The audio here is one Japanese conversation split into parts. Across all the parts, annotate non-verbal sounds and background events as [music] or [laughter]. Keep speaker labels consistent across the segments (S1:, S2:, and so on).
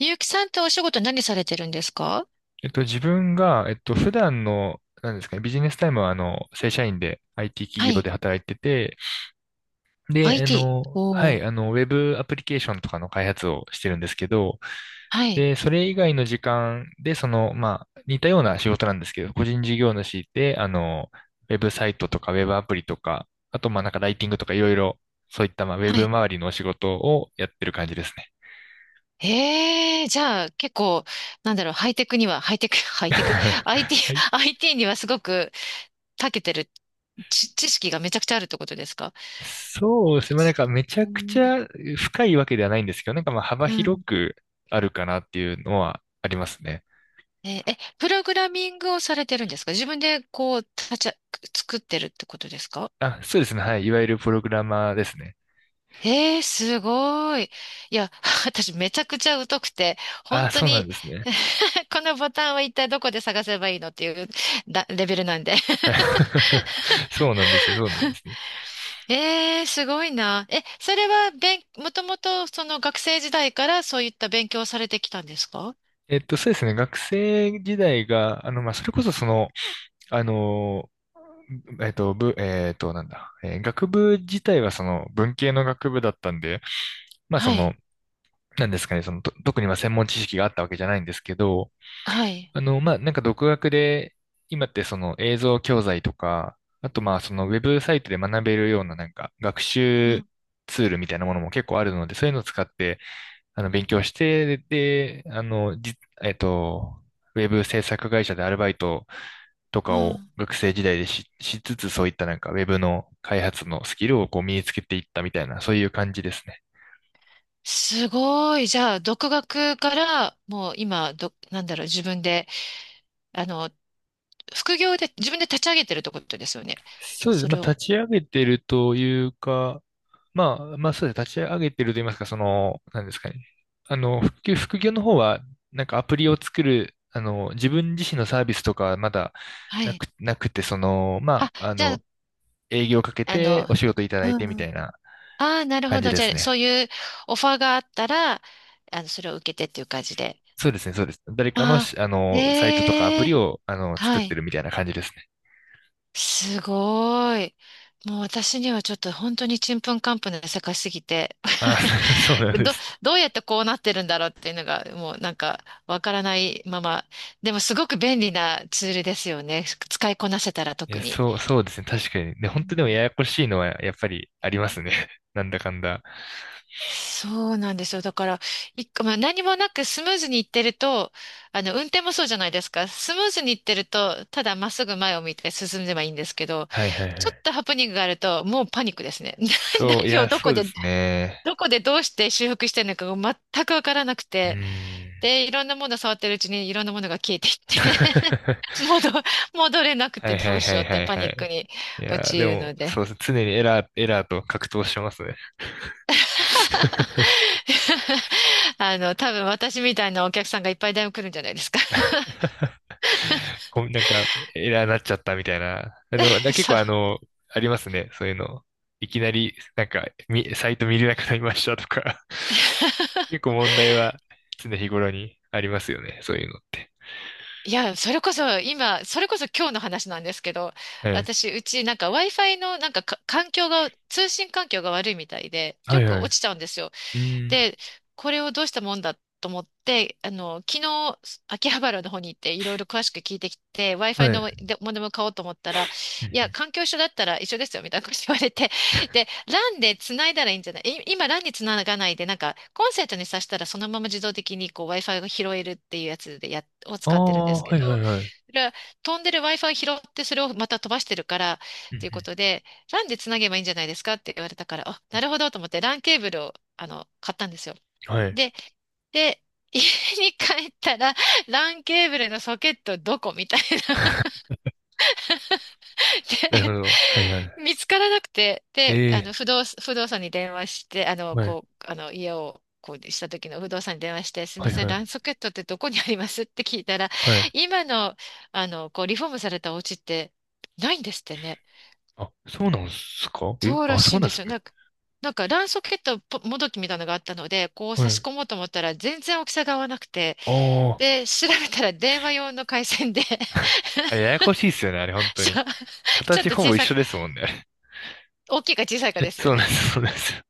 S1: ゆうきさんってお仕事何されてるんですか？
S2: 自分が、普段の、なんですかね、ビジネスタイムは、正社員で IT 企
S1: は
S2: 業で
S1: い。
S2: 働いてて、で、
S1: IT。
S2: は
S1: おー。
S2: い、ウェブアプリケーションとかの開発をしてるんですけど、
S1: はい。
S2: で、それ以外の時間で、まあ、似たような仕事なんですけど、個人事業主で、ウェブサイトとか、ウェブアプリとか、あと、まあ、なんかライティングとか、いろいろ、そういった、まあ、ウェ
S1: は
S2: ブ
S1: い。
S2: 周りのお仕事をやってる感じですね。
S1: ええー、じゃあ結構、なんだろう、ハイテクには、ハイテク、[laughs] ハイテク、
S2: [laughs]
S1: IT、IT にはすごく長けてる、知識がめちゃくちゃあるってことですか？
S2: そうですね。まあ、なんかめちゃ
S1: う
S2: く
S1: ん
S2: ち
S1: ね。
S2: ゃ深いわけではないんですけど、なんかまあ幅
S1: う
S2: 広
S1: ん。
S2: くあるかなっていうのはありますね。
S1: えー、え、プログラミングをされてるんですか？自分でこう、立ちゃ、作ってるってことですか？
S2: あ、そうですね。はい。いわゆるプログラマーですね。
S1: ええー、すごい。いや、[laughs] 私めちゃくちゃ疎くて、本
S2: あ、
S1: 当
S2: そうなん
S1: に。
S2: ですね。
S1: [laughs] このボタンは一体どこで探せばいいのっていうレベルなんで。
S2: は
S1: [laughs]
S2: い [laughs] そうなんですね。そうなんですね。
S1: ええー、すごいな。え、それは、もともとその学生時代からそういった勉強をされてきたんですか？
S2: そうですね。学生時代が、まあ、それこそその、あの、えっと、ぶ、えっと、なんだ、えー学部自体はその文系の学部だったんで、まあそ
S1: は
S2: の、
S1: い。
S2: なんですかね、その、特にまあ専門知識があったわけじゃないんですけど、
S1: はい。
S2: まあ、なんか独学で、今ってその映像教材とか、あとまあそのウェブサイトで学べるようななんか学
S1: う
S2: 習
S1: ん。
S2: ツールみたいなものも結構あるので、そういうのを使って勉強して、で、あの、じ、えっと、ウェブ制作会社でアルバイトと
S1: う
S2: かを
S1: ん。
S2: 学生時代でしつつ、そういったなんかウェブの開発のスキルをこう身につけていったみたいな、そういう感じですね。
S1: すごい。じゃあ、独学からもう今、なんだろう、自分で、あの、副業で自分で立ち上げてるってことですよね。
S2: そうです
S1: そ
S2: ね。ま
S1: れ
S2: あ、
S1: を。
S2: 立ち上げてるというか、まあ、まあ、そうですね。立ち上げてると言いますか、その、なんですかね。副業の方は、なんかアプリを作る、自分自身のサービスとか、はまだ
S1: は
S2: な
S1: い。
S2: く、なくて、その、
S1: あ、
S2: まあ、
S1: じゃあ、
S2: 営業かけ
S1: あ
S2: て
S1: の、
S2: お仕事いただい
S1: う
S2: て
S1: ん
S2: み
S1: う
S2: た
S1: ん。
S2: いな
S1: ああ、なるほ
S2: 感じ
S1: ど。
S2: で
S1: じゃ
S2: す
S1: あ、そ
S2: ね。
S1: ういうオファーがあったら、あの、それを受けてっていう感じで。
S2: そうですね、そうです。誰かの
S1: あ
S2: し、あ
S1: あ、
S2: の、サイトとかアプ
S1: ええ、
S2: リを、作
S1: は
S2: って
S1: い。
S2: るみたいな感じですね。
S1: すごい。もう私にはちょっと本当にちんぷんかんぷんな世界すぎて、
S2: あ、[laughs] そう
S1: [laughs]
S2: なんで
S1: ど、
S2: す。
S1: どうやってこうなってるんだろうっていうのが、もうなんかわからないまま。でもすごく便利なツールですよね。使いこなせたら
S2: い
S1: 特
S2: や、
S1: に。
S2: そう、そうですね。確かに。で、本当でもややこしいのはやっぱりありますね。[laughs] なんだかんだ。
S1: そうなんですよ。だから、一個、まあ、何もなくスムーズに行ってると、あの、運転もそうじゃないですか。スムーズに行ってると、ただまっすぐ前を見て進めばいいんですけど、
S2: はいはいは
S1: ちょっ
S2: い。
S1: とハプニングがあると、もうパニックですね。[laughs]
S2: そう、い
S1: 何を
S2: や、
S1: ど
S2: そ
S1: こ
S2: うで
S1: で、
S2: すね。
S1: どこでどうして修復してるのかが全くわからなく
S2: うー
S1: て、
S2: ん。
S1: で、いろんなもの触ってるうちにいろんなものが消えていって [laughs]
S2: [laughs]
S1: 戻れなく
S2: は
S1: て
S2: い
S1: ど
S2: はい
S1: うし
S2: は
S1: よ
S2: い
S1: うっ
S2: は
S1: て
S2: い
S1: パ
S2: は
S1: ニック
S2: い。
S1: に
S2: いや、
S1: 陥
S2: で
S1: る
S2: も、
S1: ので。
S2: そうですね。常にエラーと格闘してますね。
S1: [laughs]
S2: [laughs]
S1: あの、多分私みたいなお客さんがいっぱいだいぶ来るんじゃないですか。
S2: [laughs] こう、なんか、エラーなっちゃったみたいな。
S1: [laughs]
S2: 結
S1: そう。
S2: 構ありますね。そういうの。いきなり、なんか、サイト見れなくなりましたとか。[laughs] 結構問題は常日頃にありますよね。そういうのって。
S1: いや、それこそ今、それこそ今日の話なんですけど、
S2: はい。
S1: 私、うちなんか Wi-Fi のなんか環境が、通信環境が悪いみたいで、
S2: は
S1: よ
S2: い
S1: く
S2: は
S1: 落
S2: い。
S1: ちちゃうんですよ。
S2: うん。
S1: で、これをどうしたもんだと思って、あの、昨日、秋葉原の方に行っていろいろ詳しく聞いてきて、
S2: はい。
S1: Wi-Fi
S2: う
S1: の
S2: ん
S1: でモデム買おうと思ったら、
S2: う
S1: いや、
S2: ん
S1: 環境一緒だったら一緒ですよ、みたいなこと言われて。[laughs] で、LAN で繋いだらいいんじゃない、今 LAN に繋がないで、なんか、コンセントに挿したらそのまま自動的にこう Wi-Fi が拾えるっていうやつを
S2: あ
S1: 使ってるんで
S2: あ、
S1: すけ
S2: はいは
S1: ど、
S2: いはい。うん
S1: それは飛んでる Wi-Fi 拾ってそれをまた飛ばしてるから、
S2: う
S1: ということで、ランで繋げばいいんじゃないですかって言われたから、あ、なるほどと思ってランケーブルをあの、買ったんですよ。
S2: んはい。
S1: で、で、[laughs] 家に帰ったら、LAN ケーブルのソケットどこみたいな。
S2: [laughs] なるほ
S1: で、
S2: ど。はいはい。
S1: 見つからなくて、で、
S2: え
S1: あの、
S2: え、
S1: 不動産に電話して、あの、
S2: はい。
S1: こう、あの、家を、こうした時の不動産に電話して、すみ
S2: は
S1: ま
S2: い
S1: せん、
S2: は
S1: ラ
S2: い。
S1: ンソケットってどこにありますって聞いたら、
S2: はい。
S1: 今の、あの、こう、リフォームされたお家ってないんですってね。
S2: あ、そうなんすかえ
S1: そうら
S2: あ、
S1: し
S2: そ
S1: い
S2: う
S1: ん
S2: なん
S1: で
S2: で
S1: す
S2: す
S1: よ。
S2: ね。
S1: なんか、ランソケットもどきみたいなのがあったので、こう差
S2: は
S1: し
S2: い。
S1: 込もうと思ったら、全然大きさが合わなくて、
S2: ああ、
S1: で、調べたら電話用の回線で。
S2: あれややこしいっすよね、あれ、本
S1: [laughs]、
S2: 当
S1: そ
S2: に。
S1: う、ちょっ
S2: 形
S1: と
S2: ほ
S1: 小
S2: ぼ一
S1: さ
S2: 緒
S1: く、
S2: ですもんね、あ
S1: 大きいか小さいか
S2: れ
S1: で
S2: [laughs]
S1: すよ
S2: そうなん
S1: ね。
S2: です、そうなんですよ。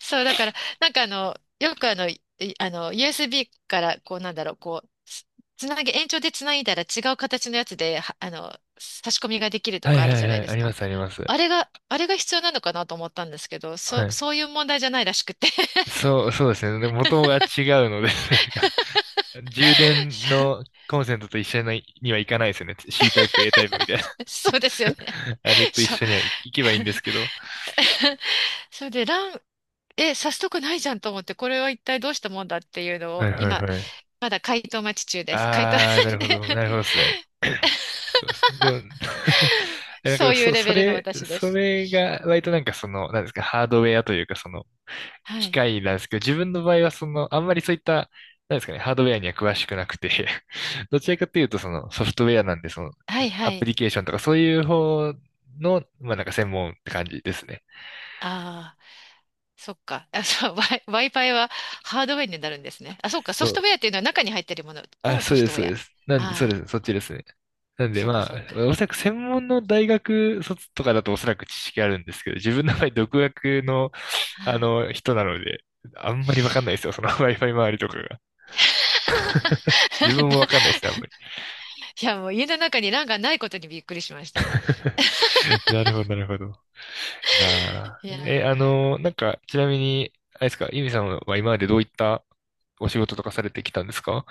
S1: そう、だから、なんかあの、よくあの、いあの、USB から、こうこう、つなげ、延長でつないだら違う形のやつで、あの、差し込みができると
S2: はい
S1: かある
S2: は
S1: じ
S2: い
S1: ゃ
S2: は
S1: ない
S2: い、
S1: で
S2: あ
S1: す
S2: り
S1: か。
S2: ます、あります。
S1: あれが必要なのかなと思ったんですけど、
S2: はい。
S1: そういう問題じゃないらしくて。
S2: そう、そうですね。で、元が違うので、それが。[laughs] 充電の
S1: [laughs]。
S2: コンセントと一緒ににはいかないですよね。C タイプ、A タイプみたいな。
S1: そうですよね。
S2: [laughs] あれと一
S1: そう。
S2: 緒にはい行けばいいんですけど。
S1: [laughs] それで、え、さすとこないじゃんと思って、これは一体どうしたもんだっていうのを、
S2: はいはい
S1: 今、
S2: はい。
S1: まだ回答待ち中です。回答。 [laughs]
S2: あー、なるほ
S1: で
S2: ど、なるほどですね。[coughs] そうですね。でも、[laughs] なんかで
S1: そ
S2: も
S1: ういう
S2: そ、
S1: レ
S2: そ
S1: ベルの
S2: れ、
S1: 私で
S2: そ
S1: す。
S2: れが、割となんかその、なんですか、ハードウェアというか、その、
S1: は
S2: 機
S1: い。
S2: 械なんですけど、自分の場合はその、あんまりそういった、なんですかね、ハードウェアには詳しくなくて [laughs] どちらかというとそのソフトウェアなんで、その、
S1: はいは
S2: アプ
S1: い。
S2: リケーションとかそういう方の、まあなんか専門って感じですね。
S1: ああ、そっか。あ、Wi-Fi はハードウェアになるんですね。あ、そっか。ソ
S2: そ
S1: フトウ
S2: う。
S1: ェアっていうのは中に入ってるもの
S2: あ、
S1: を
S2: そ
S1: ソ
S2: う
S1: フ
S2: で
S1: トウ
S2: す、そう
S1: ェア。
S2: です。なんで、そう
S1: ああ、
S2: です、そっちですね。なんで
S1: そうか
S2: ま
S1: そう
S2: あ、
S1: か。
S2: おそらく専門の大学卒とかだとおそらく知識あるんですけど、自分の場合独学の、
S1: はい。
S2: 人なので、あんまりわかんないですよ、その [laughs] Wi-Fi 周りとかが。自分もわかんないですね、あんまり。
S1: [laughs] いや、もう家の中に欄がないことにびっくりしました。
S2: [laughs] なるほど、なるほど。いや
S1: い
S2: ーえ、
S1: や、
S2: あのーなんか、ちなみに、あれですか、ゆみさんは今までどういったお仕事とかされてきたんですか？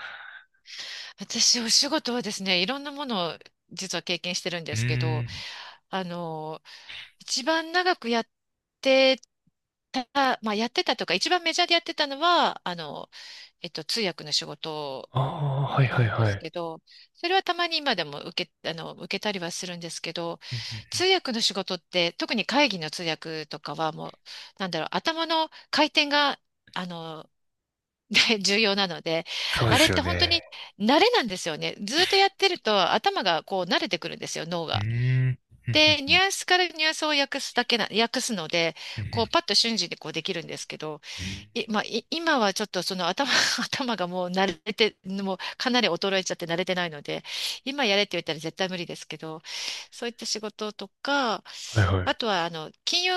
S1: 私、お仕事はですね、いろんなものを実は経験してるん
S2: う
S1: ですけ
S2: ー
S1: ど、
S2: ん。
S1: あの、一番長くやってた、まあやってたとか、一番メジャーでやってたのは、あの、えっと、通訳の仕事
S2: ああ、はい
S1: な
S2: はい
S1: んで
S2: は
S1: す
S2: い。
S1: けど、それはたまに今でもあの、受けたりはするんですけど、
S2: うんうん
S1: 通訳の仕事って、特に会議の通訳とかはもう、なんだろう、頭の回転が、あの、[laughs] 重要なので、
S2: そうで
S1: あれっ
S2: すよ
S1: て本当
S2: ね。
S1: に慣れなんですよね。ずっとやってると頭がこう慣れてくるんですよ、脳
S2: うー
S1: が。
S2: ん。うん
S1: で、
S2: う
S1: ニュ
S2: ん
S1: アンスからニュアンスを訳すだけな、訳すので、
S2: うんう
S1: こう、
S2: ん
S1: パッと瞬時にこうできるんですけど、
S2: うん
S1: い、まあ、い今はちょっとその頭、[laughs] 頭がもう慣れて、もうかなり衰えちゃって慣れてないので、今やれって言ったら絶対無理ですけど、そういった仕事とか、
S2: はいは
S1: あ
S2: い。
S1: とは、あの、金融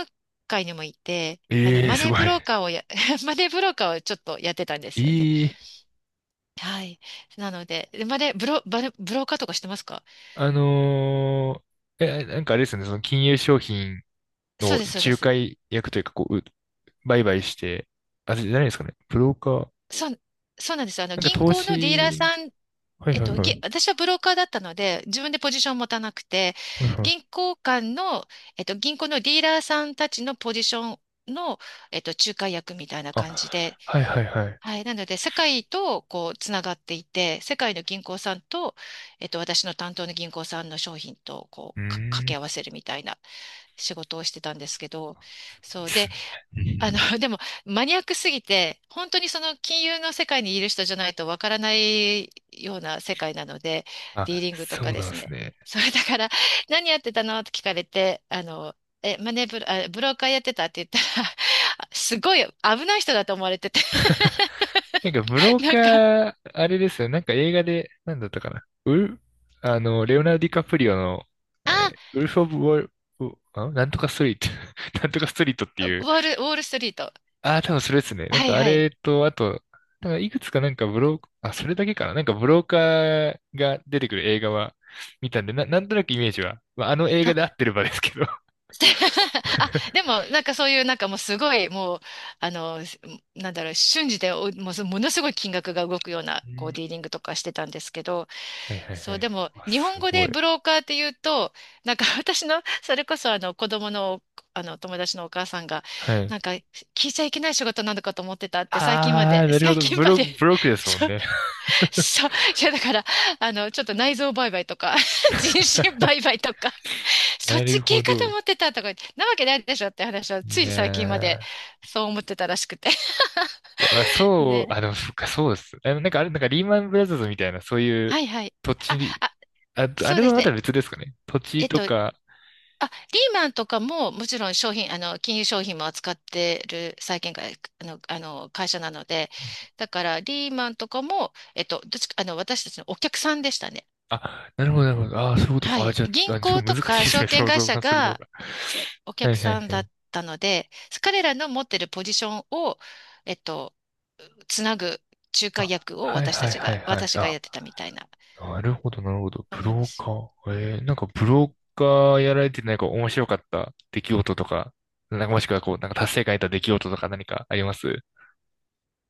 S1: 界にもいて、あの、
S2: ええ、
S1: マ
S2: す
S1: ネー
S2: ご
S1: ブ
S2: い。
S1: ローカーをや、[laughs] マネーブローカーをちょっとやってたんですよね。
S2: え
S1: はい。なので、マネーブロ、バレブローカーとかしてますか？
S2: あのーえ、なんかあれですね、その金融商品
S1: そう
S2: の
S1: です、そうで
S2: 仲
S1: す。
S2: 介役というか、こう、う売買して、あ、じゃないですかね、ブローカー。
S1: そう、そうなんですよ。あの、
S2: なんか
S1: 銀
S2: 投
S1: 行のディーラー
S2: 資、
S1: さん、
S2: はい
S1: えっ
S2: はい
S1: と、
S2: はい。
S1: 私はブローカーだったので、自分でポジションを持たなくて、
S2: はいはい
S1: 銀行間の、えっと、銀行のディーラーさんたちのポジションの、えっと、仲介役みたいな
S2: あ、
S1: 感じで、
S2: はいはいはい。
S1: はい。なので、世界と、こう、つながっていて、世界の銀行さんと、えっと、私の担当の銀行さんの商品と、こ
S2: うー
S1: う、掛
S2: ん、
S1: け合
S2: い
S1: わせるみたいな仕事をしてたんですけど、
S2: い
S1: そ
S2: っ
S1: う。
S2: すね。[laughs] う
S1: あの、
S2: ん
S1: [laughs] でも、マニアックすぎて、本当にその金融の世界にいる人じゃないとわからないような世界なので、ディー
S2: あ、
S1: リングと
S2: そ
S1: か
S2: う
S1: で
S2: なん
S1: す
S2: です
S1: ね。
S2: ね。
S1: それだから、[laughs] 何やってたのって聞かれて、あの、え、マネーブロ、あ、ブローカーやってたって言ったら、[laughs] すごい危ない人だと思われてて、
S2: なんか、ブロ
S1: [laughs]
S2: ー
S1: な
S2: カ
S1: んか、
S2: ー、あれですよ。なんか映画で、なんだったかな。ウル、あの、レオナルド・ディカプリオの、
S1: あ、
S2: ウルフ・オブ・ウォール、なんとかストリート、[laughs] なんとかストリートっていう。
S1: ウォールストリート。
S2: ああ、多分それですね。なん
S1: はい
S2: かあ
S1: はい。
S2: れと、あと、なんかいくつかなんかブロー、あ、それだけかな。なんかブローカーが出てくる映画は見たんで、なんとなくイメージは、まあ、あの映画で合ってればですけど。
S1: [laughs] あ、
S2: [laughs]
S1: でも、なんかそういう、なんかもうすごい、もう、あの、なんだろう、瞬時で、おもうそものすごい金額が動くような、
S2: う
S1: こう、
S2: ん
S1: ディーリングとかしてたんですけど、
S2: はいはい
S1: そ
S2: は
S1: う、で
S2: い。
S1: も、
S2: わ
S1: 日本
S2: す
S1: 語
S2: ご
S1: で
S2: い。
S1: ブローカーって言うと、なんか私の、それこそ、子供の、友達のお母さんが、
S2: はい。
S1: なんか、聞いちゃいけない仕事なのかと思ってたって、最近ま
S2: あ
S1: で、
S2: ー、なるほ
S1: 最
S2: ど。
S1: 近まで
S2: ブロックで
S1: [laughs]
S2: すもん
S1: そう
S2: ね。
S1: そう、いやだから、ちょっと内臓売買とか、[laughs] 人身売
S2: [laughs]
S1: 買とか、そっ
S2: なる
S1: ち
S2: ほ
S1: 系かと
S2: ど。
S1: 思ってたとか言って、なわけないでしょって話は、
S2: い
S1: つ
S2: や
S1: い最近まで
S2: ー。
S1: そう思ってたらしくて。
S2: いや、まあ
S1: [laughs]
S2: そう、
S1: ね。
S2: あ、でもそっか、そうです。あの、なんかあれ、なんかリーマンブラザーズみたいな、そういう
S1: はいはい。
S2: 土地
S1: あ、
S2: に、
S1: あ、
S2: あ、あ
S1: そう
S2: れ
S1: で
S2: は
S1: す
S2: また
S1: ね。
S2: 別ですかね。土地
S1: えっ
S2: と
S1: と、
S2: か、
S1: あ、リーマンとかも、もちろん商品、あの、金融商品も扱ってる債券会、あの、あの、会社なので、だから、リーマンとかも、どっちか、私たちのお客さんでしたね。
S2: あ、なるほど、なるほど。ああそういうこと
S1: は
S2: か。あ、
S1: い。
S2: じゃあ、
S1: 銀
S2: あ、ちょ
S1: 行
S2: っと難
S1: と
S2: しい
S1: か
S2: です
S1: 証
S2: ね。
S1: 券
S2: 想
S1: 会
S2: 像
S1: 社
S2: がするの
S1: が、
S2: が。
S1: お
S2: はい
S1: 客
S2: は
S1: さ
S2: い
S1: ん
S2: は
S1: だ
S2: い。
S1: ったので、彼らの持ってるポジションを、えっと、つなぐ仲介
S2: あ、
S1: 役を
S2: はいはいはいはい。
S1: 私が
S2: あ、
S1: やってたみたいな。
S2: なるほど、なるほど。
S1: そう
S2: ブ
S1: なんで
S2: ロー
S1: す
S2: カ
S1: よ。
S2: ー。えー、なんかブローカーやられてなんか面白かった出来事とか、なんかもしくはこう、なんか達成感得た出来事とか何かあります？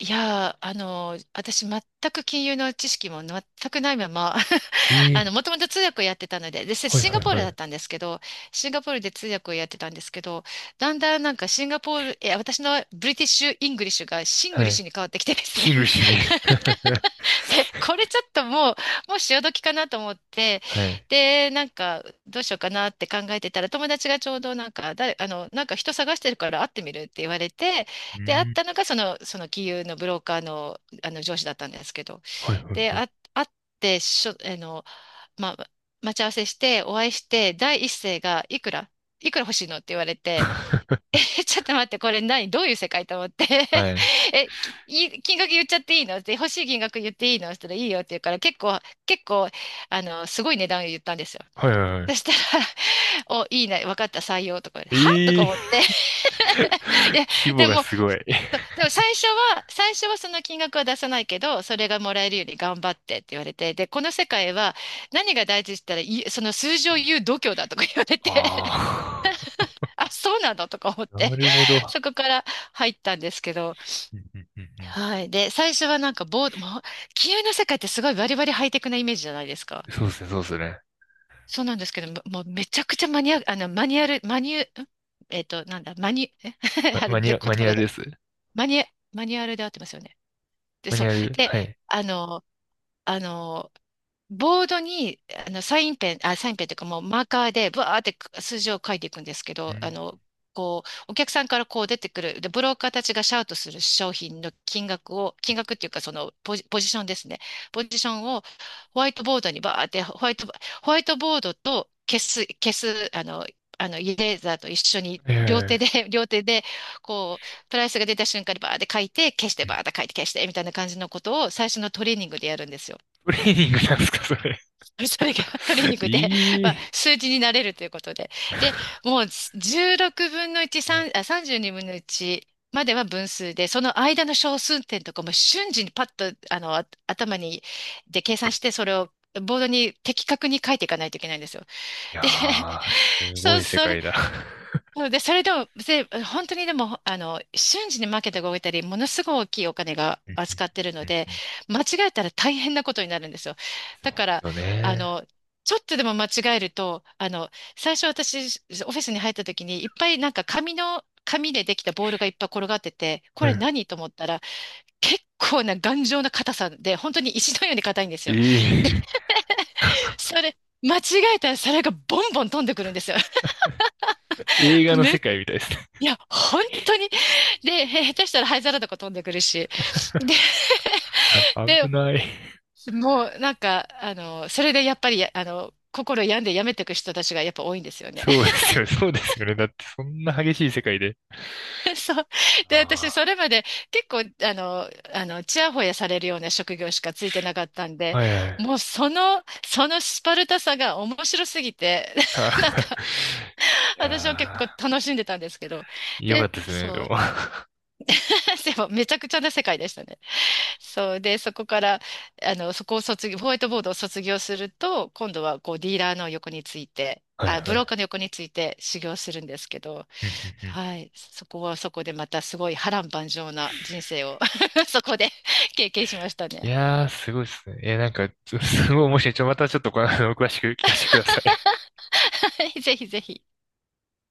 S1: いやー、私全く金融の知識も全くないまま、[laughs]
S2: ええ
S1: もともと通訳をやってたので、で、
S2: ー、はい
S1: シン
S2: は
S1: ガポ
S2: い
S1: ール
S2: は
S1: だっ
S2: い。
S1: たんですけど、シンガポールで通訳をやってたんですけど、だんだんなんかシンガポール、え、私のブリティッシュ・イングリッシュがシング
S2: は
S1: リッシ
S2: い。
S1: ュに変わってきてですね。
S2: シングルしに。[laughs]
S1: で、これちょっともう潮時かなと思って、
S2: はい。
S1: で、なんか、どうしようかなって考えてたら、友達がちょうどなんか、誰、あの、なんか人探してるから会ってみるって言われて、
S2: う
S1: で、会っ
S2: ん、
S1: たのがその金融のブローカーの、上司だったんですけど、
S2: はい
S1: で、
S2: はい。
S1: あ、会って、しょ、あの、まあ、待ち合わせして、お会いして、第一声が、いくら欲しいのって言われて、え、[laughs] ちょっと待って、これ何どういう世界と思って。
S2: はい。
S1: [laughs] きい金額言っちゃっていいのって欲しい金額言っていいのしたらいいよって言うから、結構、すごい値段を言ったんですよ。
S2: はいはいはいはい。
S1: そしたら、[laughs] お、いいね、分かった、採用とか言って、はと
S2: え
S1: か
S2: え
S1: 思っ
S2: ー、
S1: て。[laughs] いや、
S2: [laughs] 規模
S1: で
S2: が
S1: も、
S2: すごい。[laughs]
S1: そうでも最初はその金額は出さないけど、それがもらえるように頑張ってって言われて、で、この世界は何が大事って言ったら、いその数字を言う度胸だとか言われて、[laughs]
S2: あ
S1: あ、そうなのとか思っ
S2: あ、[laughs]
S1: て、
S2: なるほど。
S1: そこから入ったんですけど、
S2: うんうんうんうん
S1: はい。で、最初はなんかボード、[laughs] もう、金融の世界ってすごいバリバリハイテクなイメージじゃないですか。
S2: そうですね、そうですね。
S1: そうなんですけど、ももうめちゃくちゃマニュアル、マニュ、んえっと、なんだ、マニュ、[laughs] あれ、で言
S2: マニ
S1: 葉
S2: ュア
S1: が
S2: ル
S1: 出な
S2: で
S1: い、
S2: す。
S1: マニュ、マニュアルで合ってますよね。で、
S2: マニ
S1: そう。
S2: ュアル、
S1: で、
S2: はい。
S1: あの、あの、ボードに、サインペンというかもうマーカーで、ブワーって数字を書いていくんですけ
S2: う
S1: ど、
S2: ん。
S1: こう、お客さんからこう出てくる、で、ブローカーたちがシャウトする商品の金額を、金額っていうかそのポジションですね。ポジションをホワイトボードにバーって、ホワイトボードと消す、イレーザーと一緒に両手
S2: ええ
S1: で、[laughs] 両手で、こう、プライスが出た瞬間にバーって書いて、消して、バーって書いて、消して、みたいな感じのことを最初のトレーニングでやるんですよ。
S2: トレーニングなんですか、それ。
S1: [laughs] それがトレーニン
S2: [laughs]
S1: グで、[laughs]
S2: いい。
S1: ま
S2: い
S1: あ、数字になれるということで。で、もう16分の1、3、あ、32分の1までは分数で、その間の小数点とかも瞬時にパッと、頭に、で計算して、それをボードに的確に書いていかないといけないんですよ。で、
S2: やー、
S1: [laughs]
S2: すご
S1: そう、
S2: い世
S1: そ
S2: 界だ。
S1: そうで、それでも、で本当にでも、瞬時にマーケットが動いたり、ものすごい大きいお金が
S2: うんうん
S1: 扱ってるの
S2: うん
S1: で、
S2: うん
S1: 間違えたら大変なことになるんですよ。
S2: そう
S1: だ
S2: で
S1: か
S2: す
S1: ら、
S2: よ
S1: あ
S2: ね。
S1: の、ちょっとでも間違えると、最初私、オフィスに入った時に、いっぱいなんか紙でできたボールがいっぱい転がってて、こ
S2: う
S1: れ
S2: ん
S1: 何と思ったら、結構な頑丈な硬さで、本当に石のように硬いんです
S2: い
S1: よ。で、
S2: い。
S1: それ、間違えたら皿がボンボン飛んでくるんですよ。
S2: 映画
S1: [laughs]
S2: の
S1: め、
S2: 世界みたいですね。
S1: いや、本当にで、へ下手したら灰皿とか飛んでくるし。で、
S2: 危
S1: で、
S2: ない。
S1: もうなんか、それでやっぱり、心病んでやめていく人たちがやっぱ多いんですよね。
S2: そうですよね、そうですよね。だってそんな激しい世界で。
S1: [laughs] そう。で、私、
S2: あ
S1: それまで結構、ちやほやされるような職業しかついてなかったん
S2: あ、
S1: で、
S2: はいはい。
S1: もうそのスパルタさが面白すぎて、
S2: [laughs] あ
S1: [laughs] なんか、
S2: い
S1: 私は結構
S2: や
S1: 楽しんでたんですけど、
S2: ー、よかっ
S1: で、
S2: たですね、で
S1: そ
S2: も。
S1: う。
S2: は
S1: [laughs] でも、めちゃくちゃな世界でしたね。そうで、そこから、そこを卒業、ホワイトボードを卒業すると、今度はこうディーラーの横について、
S2: いは
S1: ブロー
S2: い。
S1: カーの横について修行するんですけど、
S2: うんうんうん
S1: はい、そこはそこでまたすごい波乱万丈な人生を [laughs] そこで経験しました
S2: い
S1: ね。
S2: やー、すごいですね。え、なんか、ちょすごい面白い。またちょっとこの、あの詳しく聞かせてください。
S1: はい、ぜひぜひ。